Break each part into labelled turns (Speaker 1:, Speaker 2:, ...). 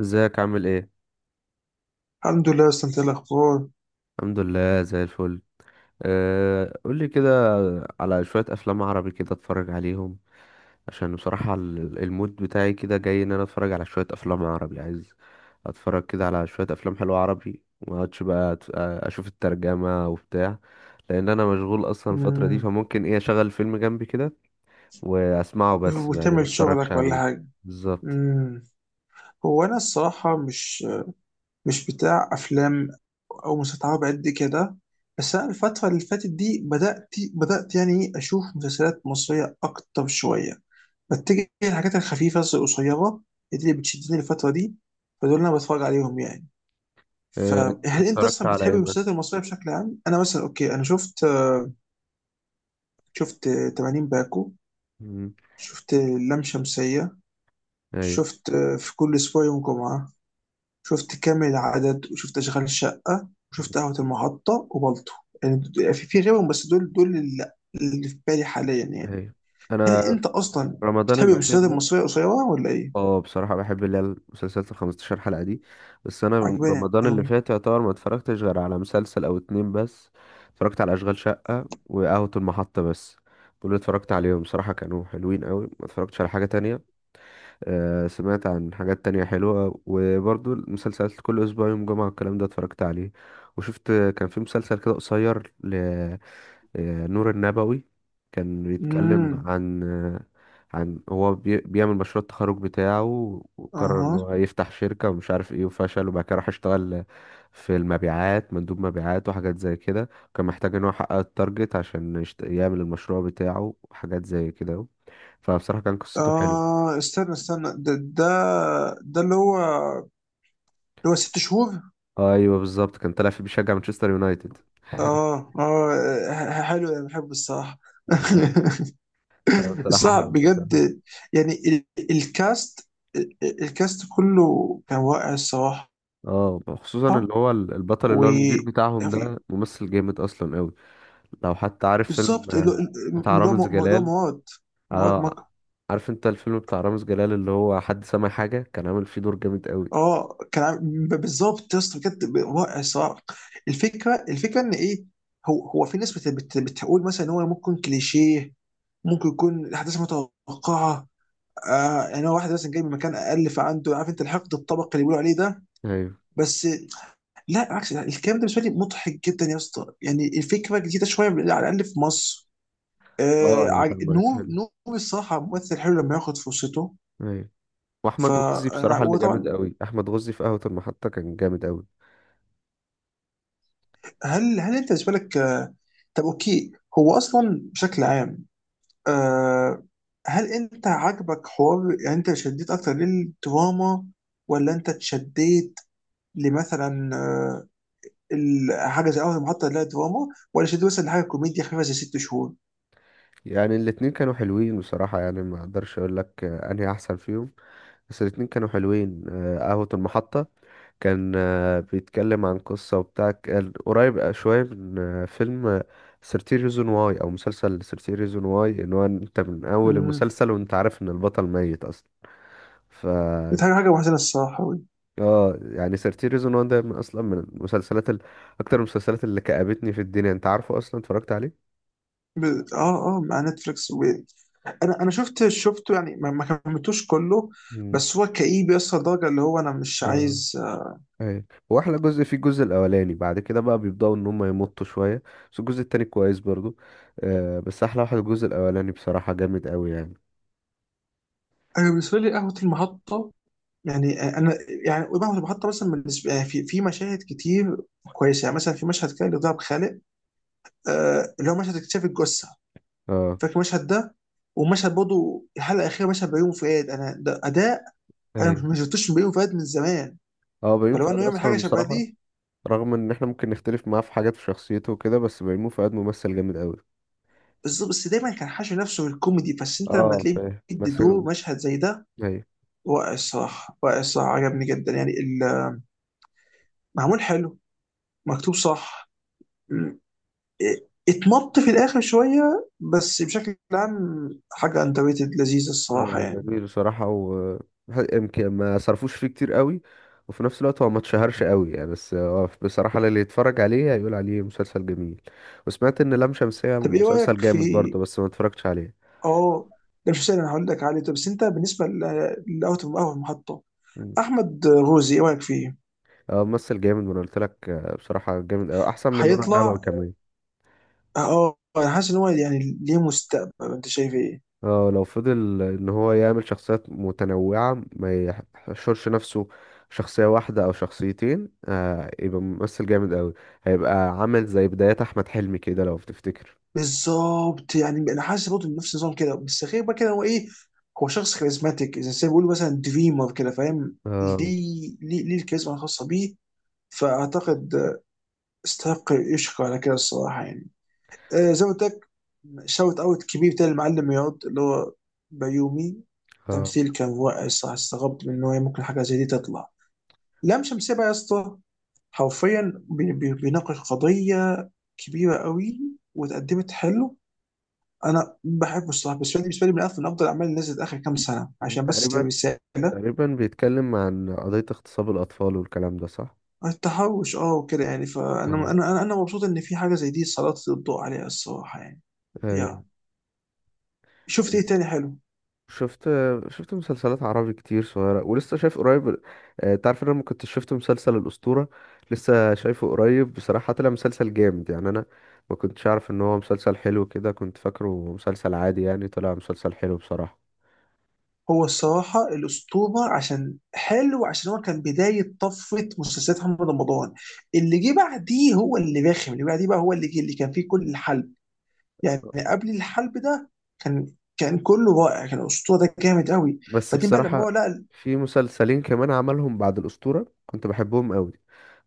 Speaker 1: ازيك عامل ايه؟
Speaker 2: الحمد لله. بس انت إيه الاخبار؟
Speaker 1: الحمد لله زي الفل. أه قولي كده على شوية افلام عربي كده اتفرج عليهم. عشان بصراحة المود بتاعي كده جاي ان انا اتفرج على شوية افلام عربي، عايز اتفرج كده على شوية افلام حلوة عربي. ما اقعدش بقى اشوف الترجمة وبتاع، لان انا مشغول اصلا الفترة دي.
Speaker 2: مم.
Speaker 1: فممكن اشغل فيلم جنبي كده واسمعه بس، يعني ما
Speaker 2: وتعمل
Speaker 1: اتفرجش
Speaker 2: شغلك ولا
Speaker 1: عليه.
Speaker 2: حاجه؟
Speaker 1: بالظبط.
Speaker 2: مم. هو انا الصراحه مش بتاع افلام او مسلسلات عربي قد كده. بس انا الفتره اللي فاتت دي بدات يعني إيه اشوف مسلسلات مصريه اكتر شويه. بتجي الحاجات الخفيفه القصيره اللي بتشدني الفتره دي، فدول انا بتفرج عليهم يعني.
Speaker 1: أه
Speaker 2: فهل انت
Speaker 1: اتفرجت
Speaker 2: اصلا
Speaker 1: على
Speaker 2: بتحب
Speaker 1: ايه مثلا؟
Speaker 2: المسلسلات المصريه بشكل عام؟ انا مثلا، اوكي، انا شفت 80 باكو،
Speaker 1: مم،
Speaker 2: شفت لام شمسيه،
Speaker 1: ايوه،
Speaker 2: شفت في كل اسبوع يوم جمعه، شفت كامل العدد، وشفت اشغال شقه، وشفت قهوه المحطه، وبلطو. يعني في غيرهم، بس دول اللي في بالي حاليا يعني.
Speaker 1: ايوه.
Speaker 2: هل
Speaker 1: انا
Speaker 2: انت اصلا
Speaker 1: رمضان
Speaker 2: بتحب
Speaker 1: الأخير
Speaker 2: المسلسلات
Speaker 1: ده،
Speaker 2: المصريه القصيره ولا ايه؟
Speaker 1: اه بصراحة بحب اللي هي المسلسلات ال 15 حلقة دي. بس أنا
Speaker 2: عجباني
Speaker 1: رمضان اللي
Speaker 2: قوي.
Speaker 1: فات يعتبر ما اتفرجتش غير على مسلسل أو اتنين بس. اتفرجت على أشغال شقة وقهوة المحطة بس، دول اللي اتفرجت عليهم. بصراحة كانوا حلوين قوي. ما اتفرجتش على حاجة تانية. آه سمعت عن حاجات تانية حلوة، وبرضو المسلسلات كل أسبوع يوم جمعة والكلام ده اتفرجت عليه. وشفت كان في مسلسل كده قصير، نور النبوي. كان بيتكلم
Speaker 2: امم.
Speaker 1: عن عن بيعمل مشروع التخرج بتاعه، وقرر ان
Speaker 2: اها.
Speaker 1: هو يفتح شركة ومش عارف ايه وفشل، وبعد كده راح اشتغل في المبيعات، مندوب مبيعات وحاجات زي كده. كان محتاج ان هو يحقق التارجت عشان يعمل المشروع بتاعه وحاجات زي كده. فبصراحة كان قصته حلوة.
Speaker 2: اه، استنى استنى ده ده اللي هو ست شهور.
Speaker 1: ايوه بالظبط، كان طالع فيه بيشجع مانشستر يونايتد.
Speaker 2: اه، اه، حلو، انا بحبه الصراحه.
Speaker 1: اه. آه، بصراحة
Speaker 2: صعب
Speaker 1: أنا بصراحة-
Speaker 2: بجد. يعني الكاست الكاست كله كان رائع الصراحة.
Speaker 1: اه خصوصا اللي هو البطل،
Speaker 2: و
Speaker 1: اللي هو المدير بتاعهم ده،
Speaker 2: يعني
Speaker 1: ممثل جامد اصلا أوي. لو حتى عارف فيلم
Speaker 2: بالظبط اللي هو
Speaker 1: بتاع
Speaker 2: اللي
Speaker 1: رامز
Speaker 2: هو- اللي هو
Speaker 1: جلال.
Speaker 2: مواد
Speaker 1: اه،
Speaker 2: مكر.
Speaker 1: عارف انت الفيلم بتاع رامز جلال اللي هو حد سمع حاجة؟ كان عامل فيه دور جامد قوي.
Speaker 2: اه، بالظبط يا اسطى، بجد رائع الصراحة. الفكرة ان ايه، هو في ناس بتقول مثلا ان هو ممكن كليشيه، ممكن يكون الاحداث متوقعه. يعني هو واحد مثلا جاي من مكان اقل، فعنده عارف انت الحقد الطبقي اللي بيقولوا عليه ده.
Speaker 1: ايوه.
Speaker 2: بس لا، عكس ده، الكلام ده بالنسبه لي مضحك جدا يا اسطى، يعني الفكره جديده شويه على الاقل في مصر. آه
Speaker 1: اه يعني
Speaker 2: عج-
Speaker 1: اتعملت
Speaker 2: نور
Speaker 1: حلو.
Speaker 2: نور الصراحه ممثل حلو لما ياخد فرصته.
Speaker 1: ايوه. واحمد غزي
Speaker 2: فانا
Speaker 1: بصراحة اللي جامد
Speaker 2: وطبعا،
Speaker 1: قوي، احمد غزي في قهوة المحطة كان جامد قوي.
Speaker 2: هل انت بالنسبه لك طب اوكي، هو اصلا بشكل عام، آه هل انت عاجبك حوار؟ يعني انت شديت اكتر للدراما ولا انت اتشديت لمثلا حاجه زي اول محطه اللي هي دراما، ولا شديت مثلا لحاجه كوميديا خفيفه زي ست شهور؟
Speaker 1: يعني الاتنين كانوا حلوين بصراحة، يعني ما اقدرش اقول لك انهي احسن فيهم. بس الاتنين كانوا حلوين. قهوة المحطة كان بيتكلم عن قصة وبتاع، كان قريب شوية من فيلم 13 ريزون واي أو مسلسل 13 ريزون واي، إن هو أنت من أول المسلسل وأنت عارف إن البطل ميت أصلا. ف
Speaker 2: دي حاجة وحشة الصراحة.
Speaker 1: اه يعني 13 ريزون واي ده من أصلا من المسلسلات أكتر المسلسلات اللي كأبتني في الدنيا. أنت عارفه، أصلا اتفرجت عليه؟
Speaker 2: ب- اه، اه، مع نتفليكس. انا شفت شفته يعني ما كملتوش كله،
Speaker 1: مم.
Speaker 2: بس هو كئيب يوصل لدرجة اللي هو انا مش
Speaker 1: آه.
Speaker 2: عايز.
Speaker 1: ايوه، هو احلى جزء فيه الجزء الاولاني. بعد كده بقى بيبداوا ان هم يمطوا شويه، بس الجزء التاني كويس برضو. آه بس احلى واحد الجزء الاولاني، بصراحه جامد قوي يعني.
Speaker 2: انا بالنسبة لي قهوة المحطة، يعني انا، يعني قهوة المحطة مثلا بالنسبة يعني في مشاهد كتير كويسة. يعني مثلا في مشهد كان لضرب خالق، اللي هو مشهد اكتشاف الجثة.
Speaker 1: اه.
Speaker 2: فاكر المشهد ده؟ ومشهد برضه الحلقة الأخيرة، مشهد بيومي فؤاد، أنا ده أداء. أنا
Speaker 1: ايوه.
Speaker 2: ما شفتوش من بيومي فؤاد من زمان،
Speaker 1: اه بيومي
Speaker 2: فلو
Speaker 1: فؤاد
Speaker 2: إنه يعمل حاجة
Speaker 1: اصلا
Speaker 2: شبه
Speaker 1: بصراحه،
Speaker 2: دي
Speaker 1: رغم ان احنا ممكن نختلف معاه في حاجات في شخصيته وكده، بس بيومي فؤاد ممثل جامد قوي.
Speaker 2: بالظبط. بس دايما كان حاشي نفسه بالكوميدي، بس انت لما
Speaker 1: اه
Speaker 2: تلاقيه
Speaker 1: فاهم
Speaker 2: بيدي دور
Speaker 1: مثل.
Speaker 2: مشهد زي ده،
Speaker 1: ايوه.
Speaker 2: رائع الصراحه، رائع الصراحه، عجبني جدا. يعني معمول حلو، مكتوب صح، م- إيه، اتمط في الاخر شويه، بس بشكل عام حاجه اندر ريتد لذيذه الصراحه
Speaker 1: آه
Speaker 2: يعني.
Speaker 1: جميل بصراحه، و يمكن ما صرفوش فيه كتير قوي، وفي نفس الوقت هو ما اتشهرش قوي يعني. بس هو بصراحه اللي يتفرج عليه هيقول عليه مسلسل جميل. وسمعت ان لام شمسيه
Speaker 2: طب ايه
Speaker 1: مسلسل
Speaker 2: رايك في،
Speaker 1: جامد برضه، بس ما اتفرجتش عليه.
Speaker 2: اه ده مش سهل، انا هقول لك عليه. طب بس انت بالنسبه لاوت اوف اول محطه،
Speaker 1: مم.
Speaker 2: احمد غوزي ايه رايك فيه؟
Speaker 1: اه ممثل جامد. وانا قلت لك بصراحه جامد قوي، احسن من نور
Speaker 2: هيطلع،
Speaker 1: النبوي كمان.
Speaker 2: انا حاسس ان هو يعني ليه مستقبل. انت شايف ايه؟
Speaker 1: اه لو فضل ان هو يعمل شخصيات متنوعة، ما يحشرش نفسه شخصية واحدة او شخصيتين، آه يبقى ممثل جامد قوي. هيبقى عامل زي بدايات احمد حلمي كده لو تفتكر.
Speaker 2: بالظبط، يعني انا حاسس برضه إن نفس النظام كده، بس غير بقى كده هو ايه. هو شخص كاريزماتيك، اذا زي ما بيقولوا مثلا دريمر كده، فاهم
Speaker 1: آه.
Speaker 2: ليه الكاريزما الخاصه بيه. فاعتقد استحق يشكر على كده الصراحه يعني. زي ما قلت لك، شوت اوت كبير بتاع المعلم رياض اللي هو بيومي.
Speaker 1: آه
Speaker 2: تمثيل كان رائع الصراحه، استغربت من ان هو ممكن حاجه زي دي تطلع. لام شمسية بقى يا اسطى، حرفيا بيناقش قضيه كبيره قوي، واتقدمت حلو. انا بحبه الصراحه، بس فيلم بالنسبه لي من افضل الاعمال اللي نزلت اخر كام سنه عشان بس
Speaker 1: تقريبا.
Speaker 2: رساله.
Speaker 1: تقريبا بيتكلم عن قضية اغتصاب الاطفال والكلام ده، صح؟
Speaker 2: التحرش وكده يعني، فانا انا
Speaker 1: اه.
Speaker 2: انا انا مبسوط ان في حاجه زي دي سلطت الضوء عليها الصراحه يعني.
Speaker 1: ايوه.
Speaker 2: يا، شفت ايه تاني حلو؟
Speaker 1: شفت شفت مسلسلات عربي كتير صغيرة، ولسه شايف قريب. تعرف ان انا ما كنتش شفت مسلسل الأسطورة؟ لسه شايفه قريب، بصراحة طلع مسلسل جامد يعني. انا ما كنتش عارف ان هو مسلسل حلو كده، كنت فاكره مسلسل عادي يعني. طلع مسلسل حلو بصراحة.
Speaker 2: هو الصراحه الاسطوره عشان حلو، عشان هو كان بدايه طفره مسلسلات محمد رمضان. اللي جه بعديه هو اللي رخم، اللي بعديه بقى هو اللي جه اللي كان فيه كل الحلب. يعني قبل الحلب ده كان كان كله رائع. كان الاسطوره ده جامد قوي.
Speaker 1: بس
Speaker 2: بعدين بقى لما هو
Speaker 1: بصراحة في مسلسلين كمان عملهم بعد الأسطورة كنت بحبهم قوي.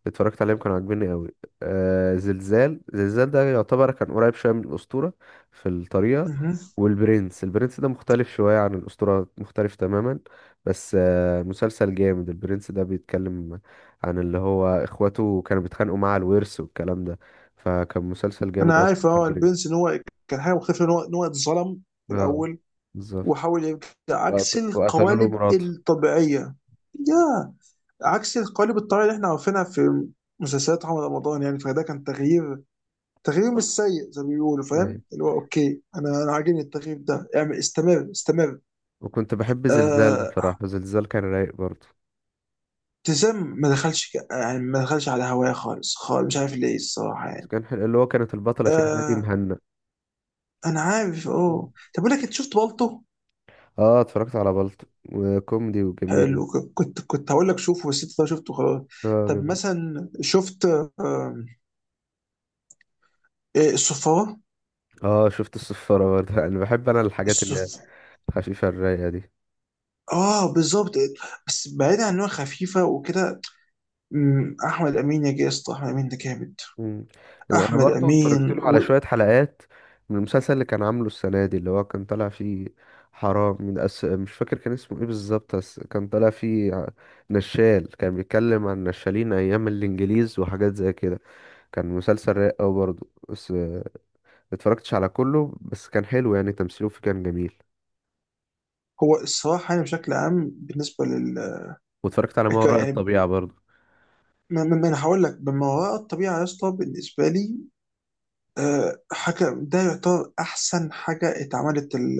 Speaker 1: اتفرجت عليهم، كانوا عاجبيني قوي. آه زلزال ده يعتبر كان قريب شويه من الاسطوره في الطريقه.
Speaker 2: لقى،
Speaker 1: والبرنس، البرنس ده مختلف شويه عن الاسطوره، مختلف تماما. بس آه مسلسل جامد البرنس ده. بيتكلم عن اللي هو اخواته كانوا بيتخانقوا مع الورث والكلام ده. فكان مسلسل
Speaker 2: انا
Speaker 1: جامد قوي
Speaker 2: عارف
Speaker 1: بتاع
Speaker 2: البرنس
Speaker 1: البرنس.
Speaker 2: ان هو كان حاجه مختلفه، ان هو اتظلم في
Speaker 1: اه
Speaker 2: الاول
Speaker 1: بالظبط.
Speaker 2: وحاول يرجع عكس
Speaker 1: وقتلوا له
Speaker 2: القوالب
Speaker 1: مراته.
Speaker 2: الطبيعيه. يا، عكس القوالب الطبيعيه اللي احنا عارفينها في مسلسلات محمد رمضان يعني، فده كان تغيير مش سيء زي ما بيقولوا، فاهم
Speaker 1: ايه.
Speaker 2: اللي هو اوكي، انا عاجبني التغيير ده، اعمل، استمر استمر.
Speaker 1: وكنت بحب زلزال
Speaker 2: آه
Speaker 1: بصراحه، زلزال كان رايق برضه.
Speaker 2: ابتسام ما دخلش يعني ما دخلش على هواية خالص خالص، مش عارف ليه الصراحه يعني.
Speaker 1: اللي هو كانت البطله فيها نادي
Speaker 2: آه،
Speaker 1: مهنا.
Speaker 2: انا عارف، اه، طب اقول لك انت شفت بالطو؟
Speaker 1: اه اتفرجت على بلطو، وكوميدي وجميل.
Speaker 2: حلو، كنت هقول لك شوفه، بس انت شفته خلاص.
Speaker 1: اه
Speaker 2: طب
Speaker 1: جميل.
Speaker 2: مثلا شفت آم، إيه، الصفارة.
Speaker 1: اه شفت الصفارة برضه. انا بحب انا الحاجات اللي هي
Speaker 2: الصف
Speaker 1: الخفيفة الرايقة دي.
Speaker 2: اه بالظبط. بس بعيد عن انها خفيفه وكده، احمد امين يا جاسط، احمد امين ده جامد.
Speaker 1: مم. انا
Speaker 2: احمد
Speaker 1: برضه اتفرجت
Speaker 2: امين
Speaker 1: له على شوية حلقات من المسلسل اللي كان عامله السنة دي، اللي هو كان طالع فيه حرام من مش فاكر كان اسمه ايه بالظبط. بس كان طالع فيه نشال، كان بيتكلم عن نشالين ايام الانجليز وحاجات زي كده. كان مسلسل رايق اوي برضه. بس آه، اتفرجتش على كله، بس كان حلو يعني. تمثيله فيه كان جميل.
Speaker 2: هو الصراحه يعني بشكل عام بالنسبه لل
Speaker 1: واتفرجت على ما وراء
Speaker 2: يعني
Speaker 1: الطبيعة برضه.
Speaker 2: ما انا هقول لك، من وراء الطبيعه يا اسطى بالنسبه لي حاجه، ده يعتبر احسن حاجه اتعملت.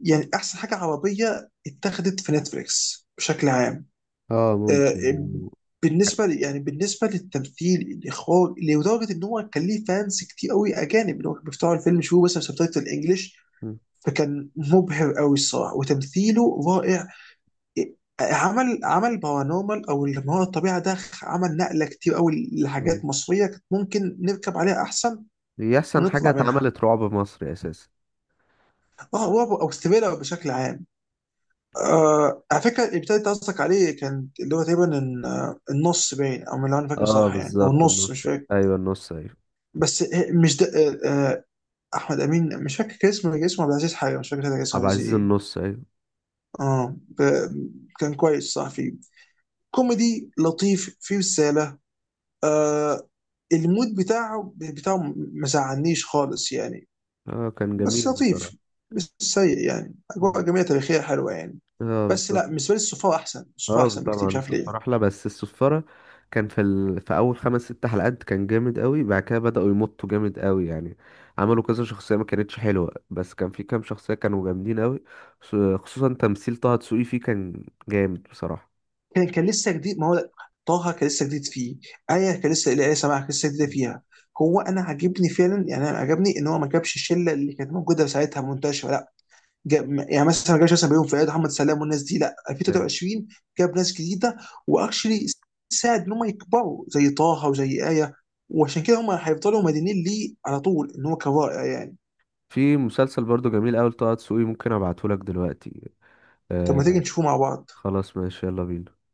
Speaker 2: يعني احسن حاجه عربيه اتاخدت في نتفليكس بشكل عام.
Speaker 1: اه ممكن
Speaker 2: آه،
Speaker 1: لانه.
Speaker 2: يعني بالنسبه للتمثيل الاخراج، لدرجه ان هو كان ليه فانس كتير قوي اجانب اللي هو كانوا بيفتحوا الفيلم يشوفوا مثلا سبتايتل انجلش.
Speaker 1: مم.
Speaker 2: فكان مبهر قوي الصراحه، وتمثيله رائع. عمل بارانورمال او اللي ما هو الطبيعه ده عمل نقله كتير قوي لحاجات
Speaker 1: مم.
Speaker 2: مصريه كانت ممكن نركب عليها احسن
Speaker 1: دي احسن حاجة
Speaker 2: ونطلع منها.
Speaker 1: اتعملت رعب مصري اساسا.
Speaker 2: اه، رعب او ثريلر بشكل عام. على فكره اللي ابتديت قصدك عليه كان اللي هو تقريبا النص باين، او اللي انا فاكر
Speaker 1: اه
Speaker 2: صح يعني، او
Speaker 1: بالظبط
Speaker 2: النص
Speaker 1: النص.
Speaker 2: مش فاكر.
Speaker 1: ايوه النص ايوه.
Speaker 2: بس مش ده. آه، آه، احمد امين مش فاكر كان اسمه، كان اسمه عبد العزيز حاجه، مش فاكر كان اسمه
Speaker 1: عبد
Speaker 2: عبد العزيز
Speaker 1: العزيز
Speaker 2: ايه.
Speaker 1: النص ايوه.
Speaker 2: اه، كان كويس صح فيه كوميدي لطيف فيه رساله. آه المود بتاعه ما زعلنيش خالص يعني،
Speaker 1: اه كان
Speaker 2: بس
Speaker 1: جميل بصراحة.
Speaker 2: لطيف، مش سيء يعني، اجواء
Speaker 1: مم.
Speaker 2: جميله تاريخيه حلوه يعني.
Speaker 1: اه
Speaker 2: بس لا،
Speaker 1: بالظبط.
Speaker 2: بالنسبه لي الصفار احسن، الصفار
Speaker 1: اه
Speaker 2: احسن بكتير،
Speaker 1: طبعا
Speaker 2: مش عارف
Speaker 1: السفارة
Speaker 2: ليه.
Speaker 1: احلى. بس السفارة كان في في اول 5 6 حلقات كان جامد قوي، بعد كده بدأوا يمطوا جامد قوي يعني. عملوا كذا شخصية ما كانتش حلوة، بس كان في كام شخصية كانوا جامدين قوي. خصوصا تمثيل طه دسوقي فيه، كان جامد بصراحة.
Speaker 2: كان لسه جديد، ما هو طه كان لسه جديد فيه، ايه كان لسه ايه، سماح كان لسه جديده فيها. هو انا عاجبني فعلا، يعني انا عجبني ان هو ما جابش الشله اللي كانت موجوده ساعتها منتشره، لا، جاب، يعني مثلا ما جابش مثلا بيوم فؤاد محمد سلام والناس دي، لا،
Speaker 1: مم.
Speaker 2: 2023 جاب ناس جديده واكشلي، ساعد ان هم يكبروا زي طه وزي ايه، وعشان كده هم هيفضلوا مدينين ليه على طول ان هو كرائع يعني.
Speaker 1: في مسلسل برضو جميل قوي لطه دسوقي، ممكن ابعته لك دلوقتي.
Speaker 2: طب ما تيجي
Speaker 1: آه.
Speaker 2: نشوفه مع بعض.
Speaker 1: خلاص ماشي، يلا بينا.